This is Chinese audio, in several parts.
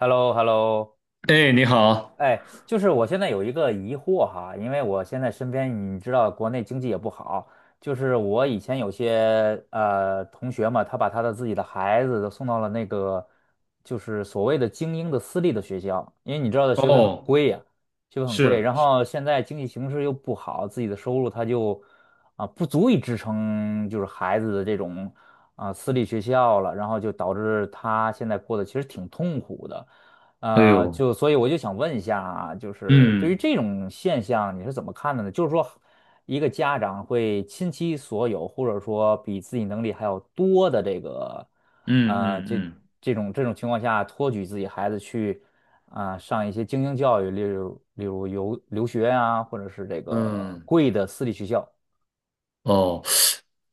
h e l l o h e l l o 哎，你好。哎，就是我现在有一个疑惑哈，因为我现在身边你知道国内经济也不好，就是我以前有些同学嘛，他把他的自己的孩子都送到了那个就是所谓的精英的私立的学校，因为你知道的哦，学费很贵，是，然是。后现在经济形势又不好，自己的收入他就不足以支撑就是孩子的这种私立学校了，然后就导致他现在过得其实挺痛苦的。哎呦。就所以我就想问一下啊，就是对于嗯这种现象你是怎么看的呢？就是说，一个家长会倾其所有，或者说比自己能力还要多的这个，呃，嗯这嗯这种情况下，托举自己孩子去上一些精英教育，例如留学啊，或者是这嗯个嗯。贵的私立学校。哦，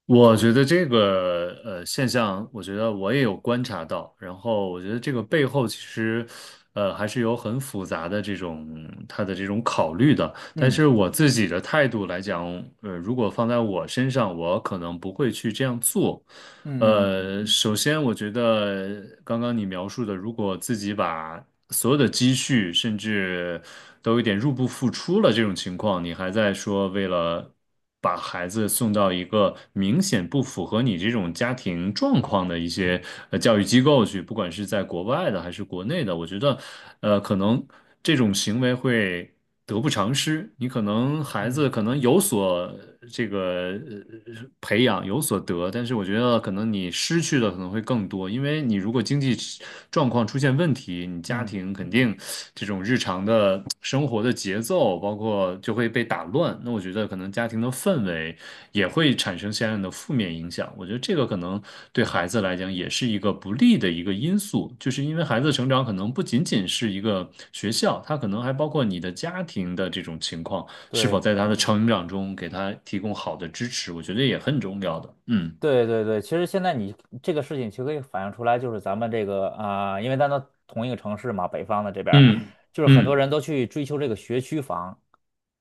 我觉得这个现象，我觉得我也有观察到，然后我觉得这个背后其实，还是有很复杂的这种他的这种考虑的。但嗯是我自己的态度来讲，如果放在我身上，我可能不会去这样做。嗯嗯嗯首先我觉得刚刚你描述的，如果自己把所有的积蓄，甚至都有点入不敷出了这种情况，你还在说为了把孩子送到一个明显不符合你这种家庭状况的一些教育机构去，不管是在国外的还是国内的，我觉得，可能这种行为会得不偿失。你可能孩嗯子可能有所这个呃培养，有所得，但是我觉得可能你失去的可能会更多，因为你如果经济状况出现问题，你家嗯，庭肯定这种日常的。生活的节奏，包括就会被打乱。那我觉得可能家庭的氛围也会产生相应的负面影响。我觉得这个可能对孩子来讲也是一个不利的一个因素，就是因为孩子的成长可能不仅仅是一个学校，他可能还包括你的家庭的这种情况，是否对。在他的成长中给他提供好的支持，我觉得也很重要的。嗯对对对，其实现在你这个事情其实可以反映出来，就是咱们这个因为咱都同一个城市嘛，北方的这边儿，嗯就是很多嗯人都去追求这个学区房，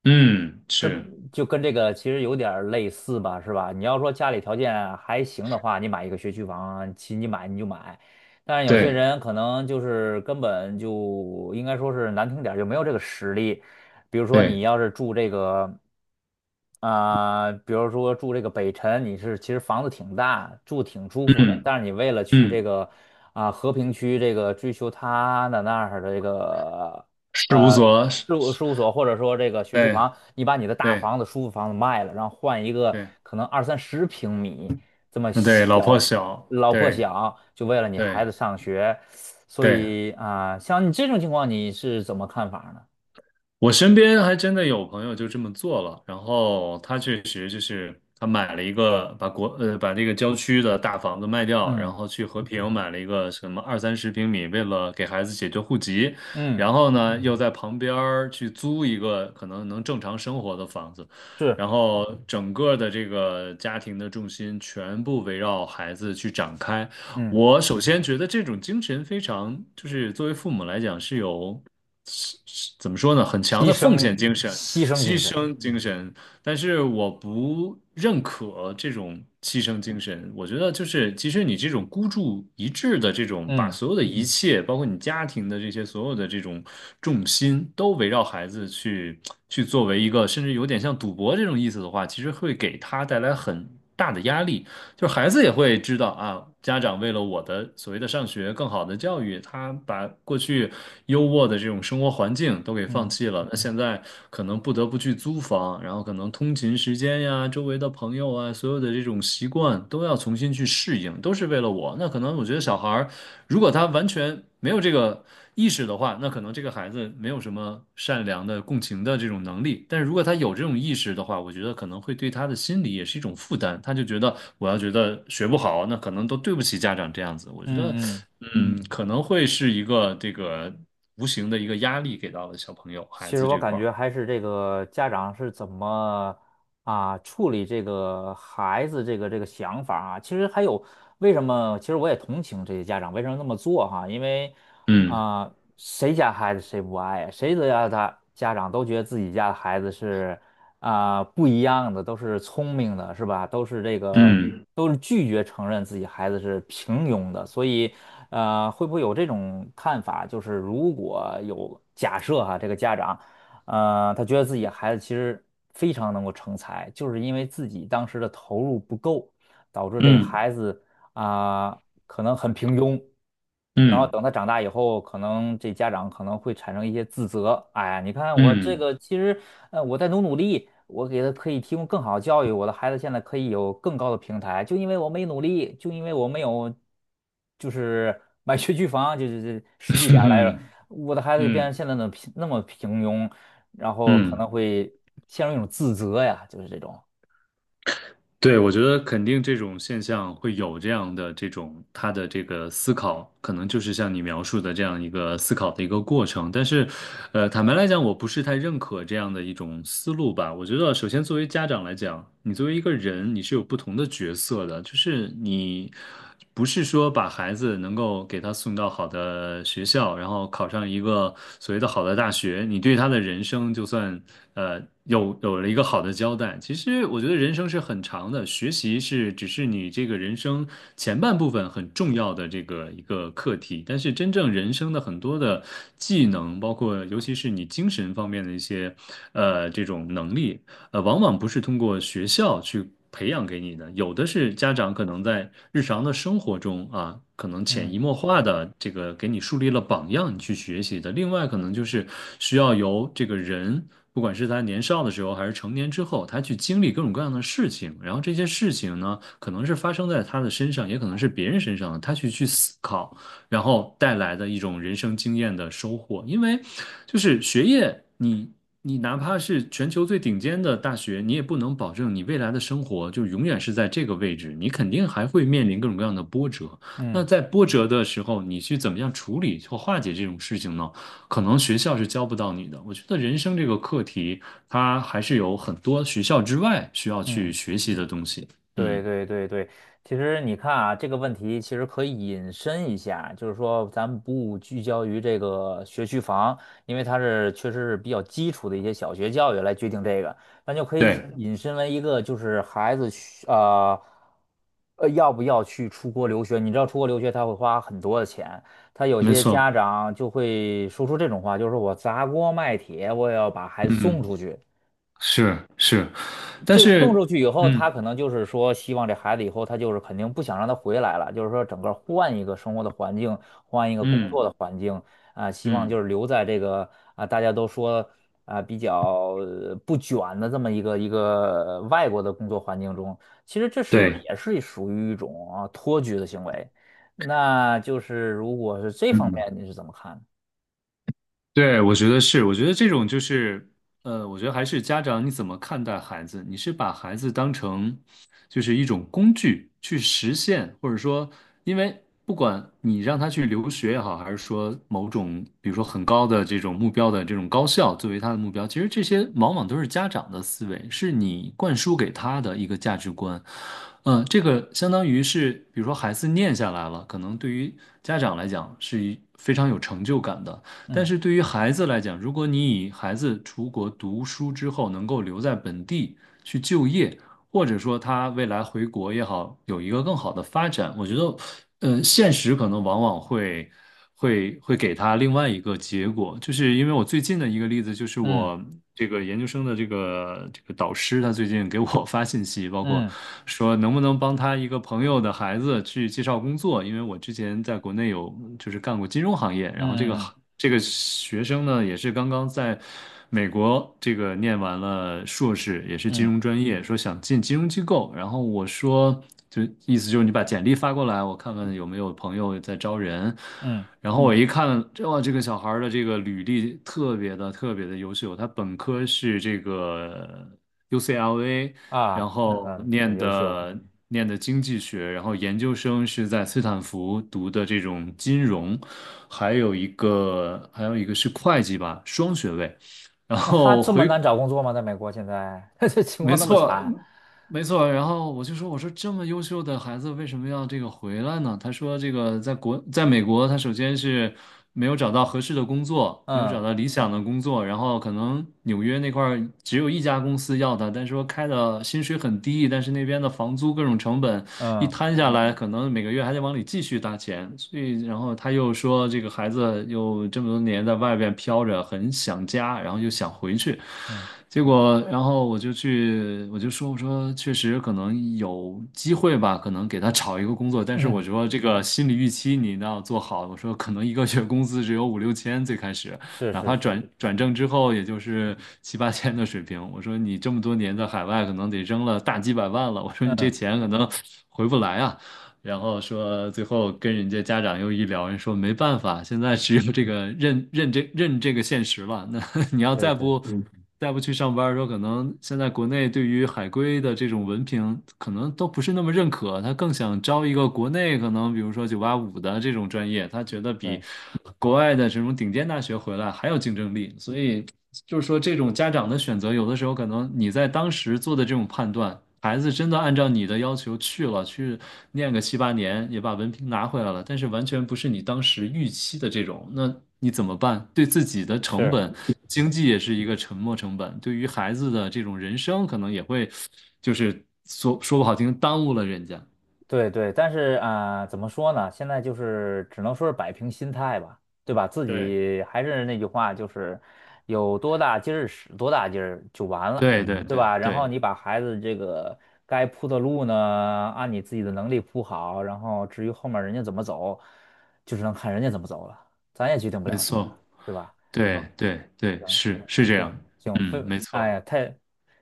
嗯，是，就跟这个其实有点儿类似吧，是吧？你要说家里条件还行的话，你买一个学区房，其你买你就买。但是有些对人可能就是根本就应该说是难听点儿就没有这个实力。比如说你对。要是住这个，比如说住这个北辰，你是其实房子挺大，住挺舒服的，嗯但是你为了去这嗯，个和平区这个追求它的那儿的这个事务呃所，是是。事务所或者说这个学区对房，你把你的大对。房子、舒服房子卖了，然后换一个对，可能二三十平米这么嗯，对，老破小、小，老破对，小，就为了你对，孩子上学，所对，以像你这种情况，你是怎么看法呢？我身边还真的有朋友就这么做了，然后他确实就是他买了一个，把国，把这个郊区的大房子卖掉，然嗯后去和平买了一个什么二三十平米，为了给孩子解决户籍，嗯，然后呢，又在旁边儿去租一个可能能正常生活的房子，是然后整个的这个家庭的重心全部围绕孩子去展开。嗯，我首先觉得这种精神非常，就是作为父母来讲是有，是怎么说呢，很强牺的奉牲献精神、牺牲精牺神，牲精神。但是我不认可这种牺牲精神。我觉得就是，其实你这种孤注一掷的这种，把嗯所有的一切，包括你家庭的这些所有的这种重心，都围绕孩子去作为一个，甚至有点像赌博这种意思的话，其实会给他带来很大的压力。就孩子也会知道啊，家长为了我的所谓的上学更好的教育，他把过去优渥的这种生活环境都给放嗯弃了，那现在可能不得不去租房，然后可能通勤时间呀、周围的朋友啊，所有的这种习惯都要重新去适应，都是为了我。那可能我觉得小孩儿如果他完全没有这个意识的话，那可能这个孩子没有什么善良的共情的这种能力。但是如果他有这种意识的话，我觉得可能会对他的心理也是一种负担。他就觉得我要觉得学不好，那可能都对不起家长这样子。我觉得，嗯嗯。可能会是一个这个无形的一个压力给到了小朋友其孩实子我这感块儿。觉还是这个家长是怎么处理这个孩子这个想法啊。其实还有为什么？其实我也同情这些家长为什么那么做哈，因为嗯啊、谁家孩子谁不爱呀谁的家的家长都觉得自己家的孩子是不一样的，都是聪明的，是吧？都是这个，嗯都是拒绝承认自己孩子是平庸的，所以，会不会有这种看法？就是如果有假设哈，这个家长，他觉得自己孩子其实非常能够成才，就是因为自己当时的投入不够，导致这个嗯孩子啊、可能很平庸。然后嗯等他长大以后，可能这家长可能会产生一些自责。哎呀，你看我这嗯个，其实我在努努力，我给他可以提供更好的教育，我的孩子现在可以有更高的平台，就因为我没努力，就因为我没有，就是买学区房，就是实际点儿来说，嗯我的孩子就嗯变成嗯现在的那么平庸，然后可嗯。能会陷入一种自责呀，就是这种。对，我觉得肯定这种现象会有这样的这种他的这个思考，可能就是像你描述的这样一个思考的一个过程。但是，坦白来讲，我不是太认可这样的一种思路吧。我觉得，首先作为家长来讲，你作为一个人，你是有不同的角色的，就是你。不是说把孩子能够给他送到好的学校，然后考上一个所谓的好的大学，你对他的人生就算有了一个好的交代。其实我觉得人生是很长的，学习是只是你这个人生前半部分很重要的这个一个课题，但是真正人生的很多的技能，包括尤其是你精神方面的一些这种能力。往往不是通过学校去培养给你的，有的是家长可能在日常的生活中啊，可能潜嗯移默化的这个给你树立了榜样，你去学习的。另外，可能就是需要由这个人，不管是他年少的时候还是成年之后，他去经历各种各样的事情，然后这些事情呢，可能是发生在他的身上，也可能是别人身上的，他去思考，然后带来的一种人生经验的收获。因为就是学业，你。你哪怕是全球最顶尖的大学，你也不能保证你未来的生活就永远是在这个位置，你肯定还会面临各种各样的波折。那嗯在波折的时候，你去怎么样处理或化解这种事情呢？可能学校是教不到你的。我觉得人生这个课题，它还是有很多学校之外需要去嗯。学习的东西。嗯，对对对对，其实你看啊，这个问题其实可以引申一下，就是说咱们不聚焦于这个学区房，因为它是确实是比较基础的一些小学教育来决定这个，那就可以对，引申为一个就是孩子要不要去出国留学？你知道出国留学他会花很多的钱，他有没些家错，长就会说出这种话，就是说我砸锅卖铁我也要把孩子送嗯，出去。是是，但这个送是，出去以后，嗯他可能就是说，希望这孩子以后他就是肯定不想让他回来了，就是说整个换一个生活的环境，换一个工嗯作的环境啊，希望嗯，就是留在这个大家都说比较不卷的这么一个外国的工作环境中，其实这是不是对。也是属于一种托举的行为？那就是如果是这方嗯。面，你是怎么看的？对，我觉得是，我觉得这种就是，我觉得还是家长你怎么看待孩子？你是把孩子当成就是一种工具去实现，或者说，因为不管你让他去留学也好，还是说某种比如说很高的这种目标的这种高校作为他的目标，其实这些往往都是家长的思维，是你灌输给他的一个价值观。这个相当于是，比如说孩子念下来了，可能对于家长来讲是一非常有成就感的。但嗯是对于孩子来讲，如果你以孩子出国读书之后能够留在本地去就业，或者说他未来回国也好，有一个更好的发展。我觉得，现实可能往往会给他另外一个结果，就是因为我最近的一个例子，就是嗯我这个研究生的这个导师，他最近给我 发信息，包括嗯说能不能帮他一个朋友的孩子去介绍工作，因为我之前在国内有就是干过金融行业，然后这嗯个嗯嗯这个学生呢也是刚刚在。美国这个念完了硕士，也是金嗯融专业，说想进金融机构。然后我说，就意思就是你把简历发过来，我看看有没有朋友在招人。嗯然后我一看，这哇，这个小孩儿的这个履历特别的特别的优秀，他本科是这个 UCLA，然啊，那后很念优秀。的念的经济学，然后研究生是在斯坦福读的这种金融，还有一个是会计吧，双学位。然那他后这么回，难找工作吗？在美国现在 这情没况那么错，惨，没错。然后我就说，我说这么优秀的孩子为什么要这个回来呢？他说，这个在国，在美国，他首先是没有找到合适的工作，没有找嗯到理想的工作，然后可能纽约那块儿只有一家公司要他，但是说开的薪水很低，但是那边的房租各种成本。一嗯摊下来，可能每个月还得往里继续搭钱，所以然后他又说这个孩子又这么多年在外边飘着，很想家，然后又想回去，嗯结果然后我就去我就说我说确实可能有机会吧，可能给他找一个工作，但是我嗯，说这个心理预期你一定要做好，我说可能一个月工资只有五六千最开始。是哪是怕是，正之后，也就是七八千的水平。我说你这么多年在海外，可能得扔了大几百万了。我说你这嗯，钱可能回不来啊。然后说最后跟人家家长又一聊，人说没办法，现在只有这个认认这认这个现实了。那 你要对再对不再不去上班的时候，可能现在国内对于海归的这种文凭，可能都不是那么认可。他更想招一个国内可能，比如说985的这种专业，他觉得对，比国外的这种顶尖大学回来还有竞争力。所以就是说，这种家长的选择，有的时候可能你在当时做的这种判断。孩子真的按照你的要求去了，去念个七八年，也把文凭拿回来了，但是完全不是你当时预期的这种，那你怎么办？对自己的成是。本，经济也是一个沉没成本，对于孩子的这种人生，可能也会，就是说说不好听，耽误了人家。对对，但是怎么说呢？现在就是只能说是摆平心态吧，对吧？自对，己还是那句话，就是有多大劲儿使多大劲儿就完了，对对对对吧？然后对，你把孩子这个该铺的路呢，按你自己的能力铺好，然后至于后面人家怎么走，就只能看人家怎么走了，咱也决定不没了什么了，错，对吧？对好，对对，行，是是这行样，行嗯，分，没哎错。呀，太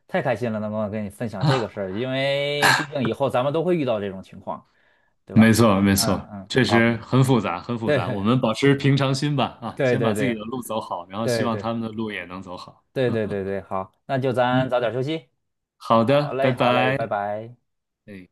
太开心了，能够跟你分享这个事儿，因为毕竟以后咱们都会遇到这种情况，对没吧？错，没嗯错，嗯，确实好，很复杂，很复杂。我对 们保持平常心吧，啊，对先对把自己对的路走好，然后希对望对他们的路也能走好。对对对对，好，那就咱早嗯，点休息。好好的，拜嘞，好嘞，拜。拜拜。哎。